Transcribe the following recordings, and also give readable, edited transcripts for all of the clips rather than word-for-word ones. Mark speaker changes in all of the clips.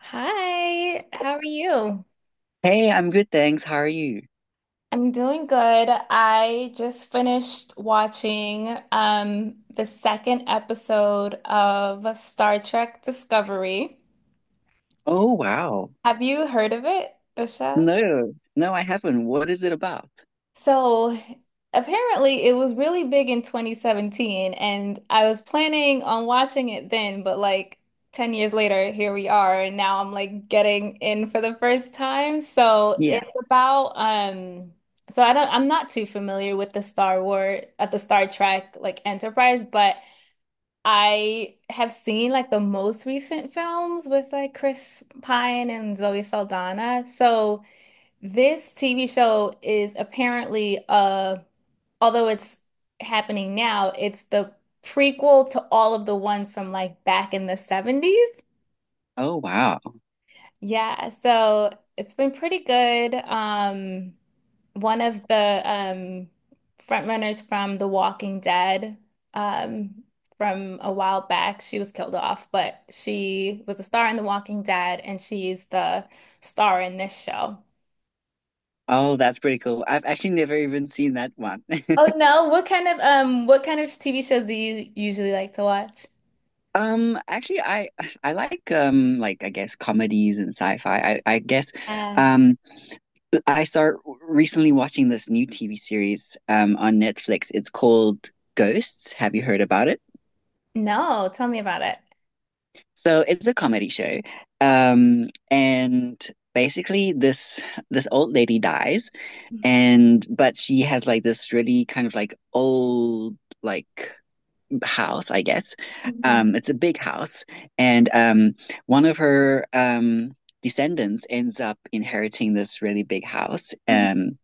Speaker 1: Hi, how are you?
Speaker 2: Hey, I'm good, thanks. How are you?
Speaker 1: I'm doing good. I just finished watching the second episode of Star Trek Discovery.
Speaker 2: Oh, wow.
Speaker 1: Have you heard of it, the show?
Speaker 2: No, no, I haven't. What is it about?
Speaker 1: So apparently it was really big in 2017 and I was planning on watching it then, but like 10 years later, here we are, and now I'm like getting in for the first time. So
Speaker 2: Yeah.
Speaker 1: it's about so I'm not too familiar with the Star Wars at the Star Trek like Enterprise, but I have seen like the most recent films with like Chris Pine and Zoe Saldana. So this TV show is apparently, although it's happening now, it's the prequel to all of the ones from like back in the seventies.
Speaker 2: Oh, wow.
Speaker 1: Yeah, so it's been pretty good. One of the front runners from The Walking Dead, um, from a while back, she was killed off, but she was a star in The Walking Dead, and she's the star in this show.
Speaker 2: Oh, that's pretty cool. I've actually never even seen that one.
Speaker 1: Oh no, what kind of TV shows do you usually like to watch?
Speaker 2: Actually, I like I guess comedies and sci-fi. I guess
Speaker 1: Uh,
Speaker 2: um I start recently watching this new TV series on Netflix. It's called Ghosts. Have you heard about it?
Speaker 1: No, tell me about it.
Speaker 2: So it's a comedy show. And basically this old lady dies. And but she has like this really kind of like old like house, I guess.
Speaker 1: Mhm.
Speaker 2: It's a big house, and one of her descendants ends up inheriting this really big house.
Speaker 1: Mhm.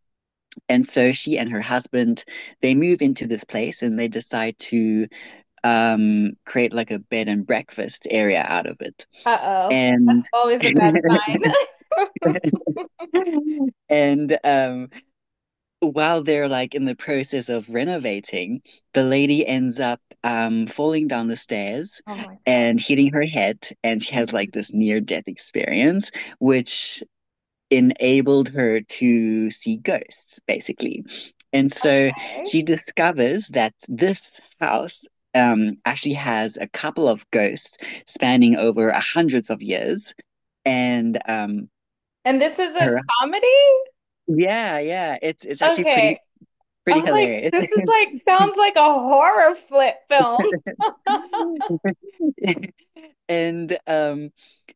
Speaker 2: And so she and her husband, they move into this place and they decide to create like a bed and breakfast area out of it.
Speaker 1: Uh-oh.
Speaker 2: And
Speaker 1: That's always a bad sign.
Speaker 2: and while they're like in the process of renovating, the lady ends up falling down the stairs
Speaker 1: Oh my God.
Speaker 2: and hitting her head, and she has
Speaker 1: Mhm.
Speaker 2: like this near death experience, which enabled her to see ghosts, basically. And so
Speaker 1: Okay.
Speaker 2: she discovers that this house actually has a couple of ghosts spanning over hundreds of years, and
Speaker 1: And this is a
Speaker 2: her
Speaker 1: comedy?
Speaker 2: yeah, it's actually
Speaker 1: Okay.
Speaker 2: pretty pretty
Speaker 1: I'm like,
Speaker 2: hilarious.
Speaker 1: this is like sounds like a horror flip film.
Speaker 2: And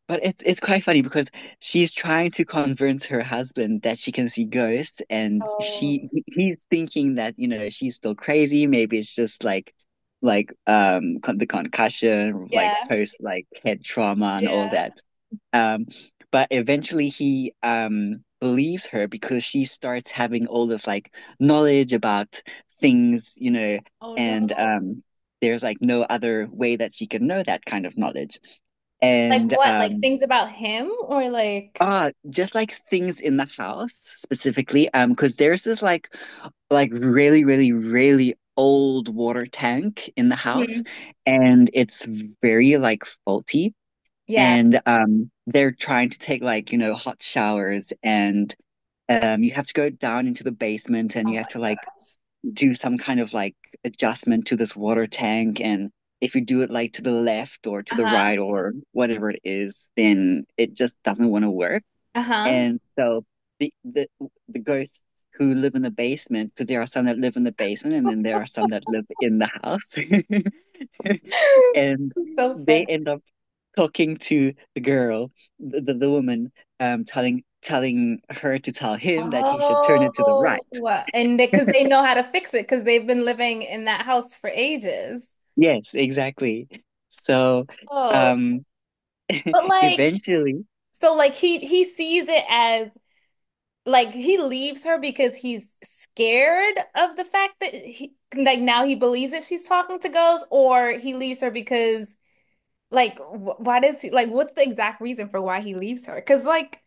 Speaker 2: but it's quite funny because she's trying to convince her husband that she can see ghosts, and
Speaker 1: Oh,
Speaker 2: he's thinking that you know she's still crazy. Maybe it's just like con the concussion, like
Speaker 1: yeah,
Speaker 2: post like head trauma and all
Speaker 1: yeah.
Speaker 2: that. Um, but eventually he believes her because she starts having all this like knowledge about things, you know,
Speaker 1: Oh no.
Speaker 2: and there's like no other way that she can know that kind of knowledge.
Speaker 1: Like
Speaker 2: And
Speaker 1: what? Like
Speaker 2: um,
Speaker 1: things about him or like.
Speaker 2: ah, just like things in the house specifically, because there's this like really, really, really old water tank in the house
Speaker 1: Mhm.
Speaker 2: and it's very like faulty
Speaker 1: Yeah.
Speaker 2: and they're trying to take like you know hot showers, and you have to go down into the basement and
Speaker 1: Oh
Speaker 2: you have to
Speaker 1: my
Speaker 2: like do some kind of like adjustment to this water tank, and if you do it like to the left or to the
Speaker 1: gosh.
Speaker 2: right or whatever it is then it just doesn't want to work.
Speaker 1: Uh-huh.
Speaker 2: And so the the the ghosts who live in the basement, because there are some that live in the basement and then there are some that live in the house and
Speaker 1: So
Speaker 2: they
Speaker 1: funny.
Speaker 2: end up talking to the girl, the woman, telling her to tell him that he should turn it to the right.
Speaker 1: Oh, and because they 'cause they know how to fix it because they've been living in that house for ages.
Speaker 2: Yes, exactly. So,
Speaker 1: Oh,
Speaker 2: um,
Speaker 1: but like,
Speaker 2: eventually,
Speaker 1: so like he sees it as like he leaves her because he's scared of the fact that he like now he believes that she's talking to ghosts, or he leaves her because like wh why does he like what's the exact reason for why he leaves her? Because like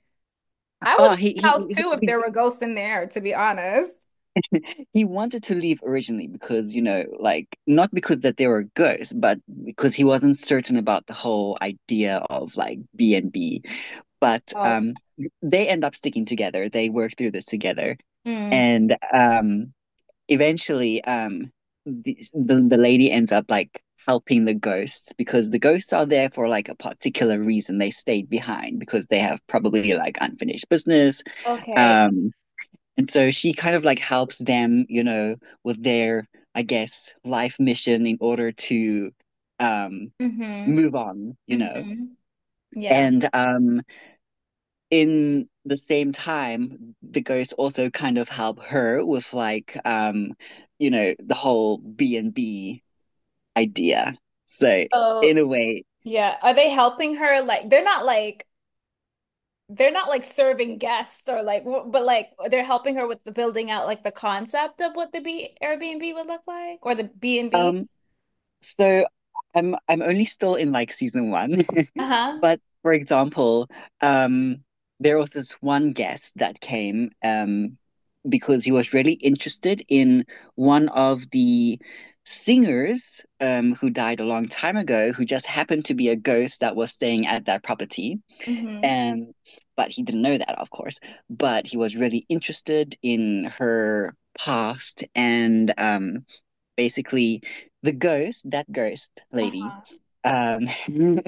Speaker 1: I would
Speaker 2: oh,
Speaker 1: leave
Speaker 2: he
Speaker 1: the
Speaker 2: he
Speaker 1: house too
Speaker 2: he
Speaker 1: if
Speaker 2: he
Speaker 1: there were ghosts in there, to be honest.
Speaker 2: he wanted to leave originally because, you know, like not because that they were ghosts, but because he wasn't certain about the whole idea of like B and B. But they end up sticking together. They work through this together,
Speaker 1: Mm.
Speaker 2: and eventually, the lady ends up like helping the ghosts because the ghosts are there for like a particular reason. They stayed behind because they have probably like unfinished business.
Speaker 1: Okay.
Speaker 2: Um, and so she kind of like helps them, you know, with their, I guess, life mission in order to um
Speaker 1: Mm-hmm.
Speaker 2: move on, you know.
Speaker 1: Mm-hmm. Yeah.
Speaker 2: And in the same time, the ghosts also kind of help her with like you know, the whole B and B idea. So in
Speaker 1: Oh,
Speaker 2: a way,
Speaker 1: yeah. Are they helping her? Like, they're not like serving guests or like, but like they're helping her with the building out like the concept of what the B Airbnb would look like or the B and B.
Speaker 2: um, so I'm only still in like season one.
Speaker 1: Uh-huh.
Speaker 2: But for example, um, there was this one guest that came because he was really interested in one of the singers who died a long time ago, who just happened to be a ghost that was staying at that property.
Speaker 1: Mm-hmm.
Speaker 2: Um, but he didn't know that, of course. But he was really interested in her past, and basically the ghost, that ghost lady,
Speaker 1: Uh-huh.
Speaker 2: um,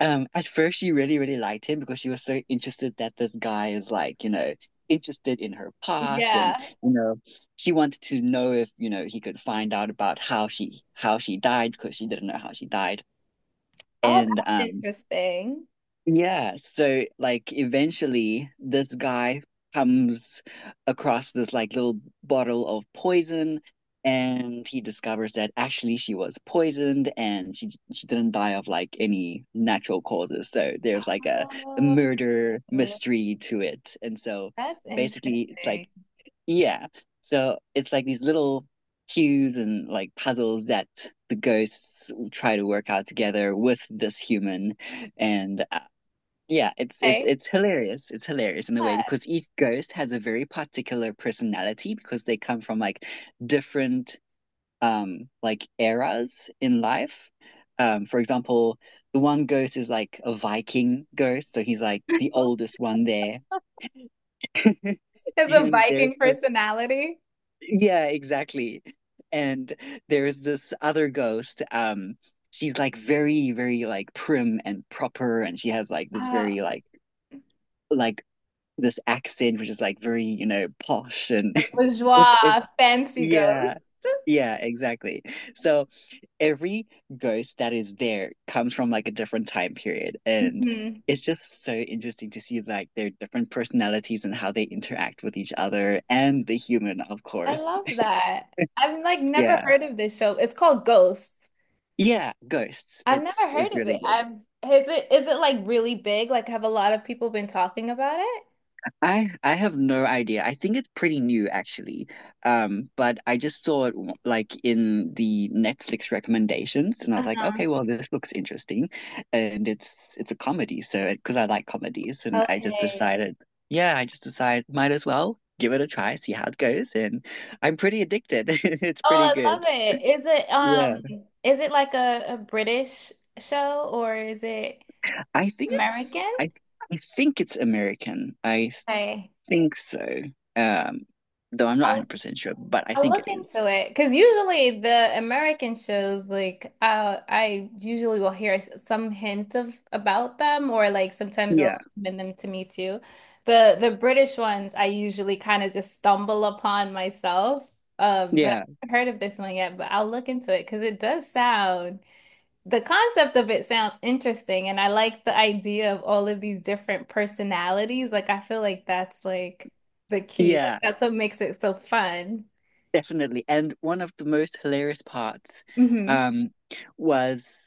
Speaker 2: at first she really, really liked him because she was so interested that this guy is like, you know, interested in her past
Speaker 1: Yeah.
Speaker 2: and you know, she wanted to know if, you know, he could find out about how she died because she didn't know how she died.
Speaker 1: Oh,
Speaker 2: And
Speaker 1: that's
Speaker 2: um,
Speaker 1: interesting.
Speaker 2: yeah, so like eventually this guy comes across this like little bottle of poison and he discovers that actually she was poisoned and she didn't die of like any natural causes. So there's like a
Speaker 1: Oh,
Speaker 2: murder mystery to it. And so
Speaker 1: that's
Speaker 2: basically it's like
Speaker 1: interesting.
Speaker 2: yeah. So it's like these little cues and like puzzles that the ghosts try to work out together with this human and yeah, it's it's
Speaker 1: Okay.
Speaker 2: it's hilarious. It's hilarious in a way because each ghost has a very particular personality because they come from like different like eras in life. For example, the one ghost is like a Viking ghost, so he's like the oldest one there.
Speaker 1: Is a
Speaker 2: And there's
Speaker 1: Viking
Speaker 2: this,
Speaker 1: personality.
Speaker 2: yeah, exactly. And there's this other ghost. She's like very, very like prim and proper, and she has like this
Speaker 1: Uh,
Speaker 2: very like this accent which is like very, you know, posh and
Speaker 1: a bourgeois
Speaker 2: it's
Speaker 1: fancy ghost.
Speaker 2: yeah. Yeah, exactly. So every ghost that is there comes from like a different time period and
Speaker 1: Mhm.
Speaker 2: it's just so interesting to see like their different personalities and how they interact with each other and the human, of
Speaker 1: I
Speaker 2: course.
Speaker 1: love that. I've like never
Speaker 2: Yeah.
Speaker 1: heard of this show. It's called Ghost.
Speaker 2: Yeah, ghosts.
Speaker 1: I've never
Speaker 2: It's
Speaker 1: heard of it.
Speaker 2: really good.
Speaker 1: I've Is it like really big? Like have a lot of people been talking about it?
Speaker 2: I have no idea. I think it's pretty new actually. But I just saw it like in the Netflix recommendations and I was like,
Speaker 1: Uh-huh.
Speaker 2: okay, well this looks interesting. And it's a comedy, so because I like comedies and I just
Speaker 1: Okay.
Speaker 2: decided, yeah, I just decided might as well give it a try, see how it goes, and I'm pretty addicted. It's pretty
Speaker 1: Oh, I love
Speaker 2: good.
Speaker 1: it. Is it
Speaker 2: Yeah.
Speaker 1: is it like a British show or is it
Speaker 2: I think it's
Speaker 1: American?
Speaker 2: I I think it's American. I
Speaker 1: Okay.
Speaker 2: think so. Um, though I'm not
Speaker 1: I
Speaker 2: 100% sure, but I
Speaker 1: I'll
Speaker 2: think it
Speaker 1: look
Speaker 2: is.
Speaker 1: into it because usually the American shows, like I usually will hear some hint of about them, or like sometimes they'll
Speaker 2: Yeah,
Speaker 1: recommend them to me too. The British ones I usually kind of just stumble upon myself, but I
Speaker 2: yeah,
Speaker 1: haven't heard of this one yet. But I'll look into it because it does sound the concept of it sounds interesting, and I like the idea of all of these different personalities. Like I feel like that's like the key. Like
Speaker 2: yeah,
Speaker 1: that's what makes it so fun.
Speaker 2: definitely. And one of the most hilarious parts
Speaker 1: Mhm.
Speaker 2: um was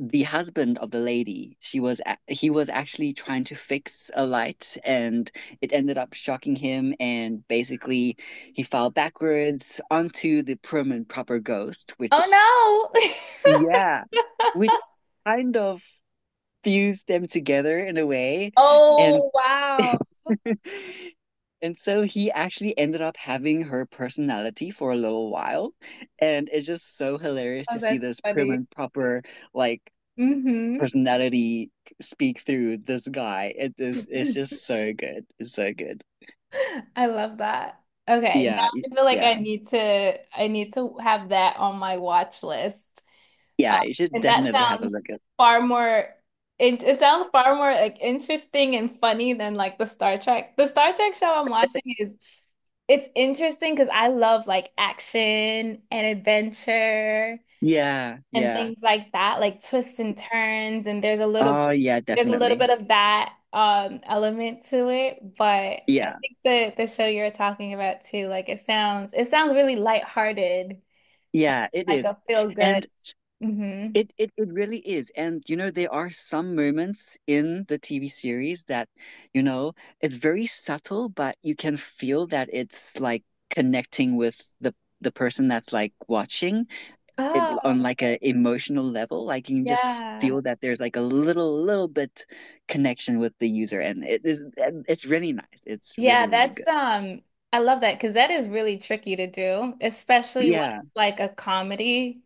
Speaker 2: the husband of the lady. He was actually trying to fix a light and it ended up shocking him and basically he fell backwards onto the prim and proper ghost,
Speaker 1: Oh
Speaker 2: which
Speaker 1: no.
Speaker 2: yeah, which kind of fused them together in a way. And
Speaker 1: Oh wow.
Speaker 2: and so he actually ended up having her personality for a little while. And it's just so hilarious
Speaker 1: Oh,
Speaker 2: to see
Speaker 1: that's
Speaker 2: this prim
Speaker 1: funny.
Speaker 2: and proper like
Speaker 1: Mm-hmm.
Speaker 2: personality speak through this guy. It is, it's just so good. It's so good.
Speaker 1: I love that. Okay, now
Speaker 2: Yeah, y-
Speaker 1: I feel like
Speaker 2: yeah.
Speaker 1: I need to have that on my watch list. Uh,
Speaker 2: Yeah, you should
Speaker 1: and that
Speaker 2: definitely have a
Speaker 1: sounds
Speaker 2: look at.
Speaker 1: far more it sounds far more like interesting and funny than like the Star Trek. The Star Trek show I'm watching is it's interesting because I love like action and adventure,
Speaker 2: Yeah,
Speaker 1: and
Speaker 2: yeah.
Speaker 1: things like that, like twists and turns, and there's a little
Speaker 2: Oh yeah, definitely.
Speaker 1: bit of that element to it. But I
Speaker 2: Yeah.
Speaker 1: think the show you're talking about too, like it sounds really lighthearted,
Speaker 2: Yeah, it
Speaker 1: like
Speaker 2: is.
Speaker 1: a feel good.
Speaker 2: And
Speaker 1: Mm-hmm.
Speaker 2: it, it really is. And you know, there are some moments in the TV series that, you know, it's very subtle, but you can feel that it's like connecting with the person that's like watching it
Speaker 1: Oh,
Speaker 2: on like a emotional level. Like you can just
Speaker 1: yeah.
Speaker 2: feel that there's like a little little bit connection with the user and it is and it's really nice. It's
Speaker 1: Yeah,
Speaker 2: really, really
Speaker 1: that's
Speaker 2: good.
Speaker 1: I love that because that is really tricky to do, especially when
Speaker 2: Yeah.
Speaker 1: it's like a comedy,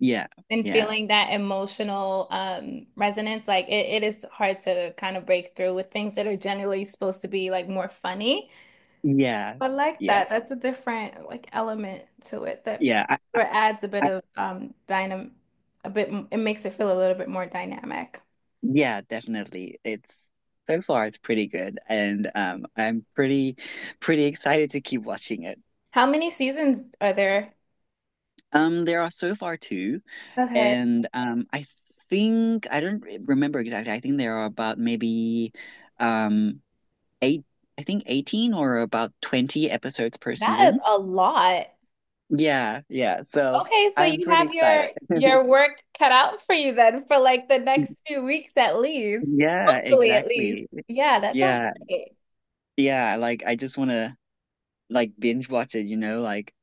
Speaker 2: Yeah.
Speaker 1: and
Speaker 2: Yeah.
Speaker 1: feeling that emotional resonance like it is hard to kind of break through with things that are generally supposed to be like more funny
Speaker 2: Yeah.
Speaker 1: but like
Speaker 2: Yeah.
Speaker 1: that that's a different like element to it that
Speaker 2: Yeah.
Speaker 1: or adds a bit
Speaker 2: I,
Speaker 1: of dynam a bit it makes it feel a little bit more dynamic.
Speaker 2: yeah, definitely. It's so far it's pretty good, and I'm pretty pretty excited to keep watching it.
Speaker 1: How many seasons are there?
Speaker 2: There are so far two,
Speaker 1: Okay,
Speaker 2: and I think I don't remember exactly. I think there are about maybe um eight, I think 18 or about 20 episodes per
Speaker 1: that is
Speaker 2: season.
Speaker 1: a lot.
Speaker 2: Yeah, yeah. So
Speaker 1: Okay, so
Speaker 2: I'm
Speaker 1: you
Speaker 2: pretty
Speaker 1: have
Speaker 2: excited.
Speaker 1: your work cut out for you then for like the next few weeks at least.
Speaker 2: Yeah,
Speaker 1: Hopefully at least.
Speaker 2: exactly.
Speaker 1: Yeah, that sounds
Speaker 2: Yeah,
Speaker 1: great.
Speaker 2: yeah. Like I just want to. Like binge watch it, you know, like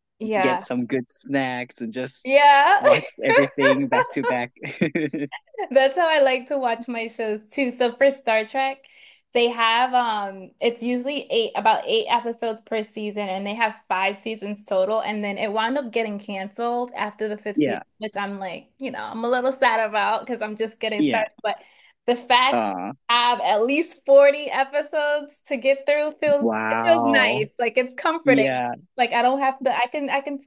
Speaker 2: get
Speaker 1: Yeah.
Speaker 2: some good snacks and just
Speaker 1: Yeah.
Speaker 2: watch everything back to back.
Speaker 1: That's how I like to watch my shows too. So for Star Trek, they have it's usually eight about 8 episodes per season and they have 5 seasons total and then it wound up getting canceled after the fifth season,
Speaker 2: Yeah,
Speaker 1: which I'm like, you know, I'm a little sad about because I'm just getting
Speaker 2: yeah.
Speaker 1: started. But the fact
Speaker 2: Uh,
Speaker 1: I have at least 40 episodes to get through feels it feels nice.
Speaker 2: wow.
Speaker 1: Like it's comforting.
Speaker 2: Yeah,
Speaker 1: Like I don't have to I can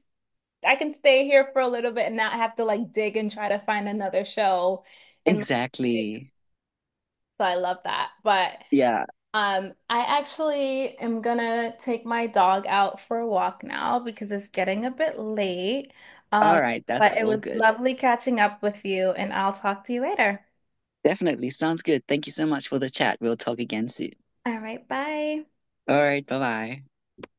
Speaker 1: I can stay here for a little bit and not have to like dig and try to find another show and like,
Speaker 2: exactly.
Speaker 1: so I love that. But
Speaker 2: Yeah.
Speaker 1: I actually am gonna take my dog out for a walk now because it's getting a bit late. Um
Speaker 2: All right,
Speaker 1: but
Speaker 2: that's
Speaker 1: it
Speaker 2: all
Speaker 1: was
Speaker 2: good.
Speaker 1: lovely catching up with you and I'll talk to you later.
Speaker 2: Definitely sounds good. Thank you so much for the chat. We'll talk again soon.
Speaker 1: All right, bye.
Speaker 2: All right, bye-bye.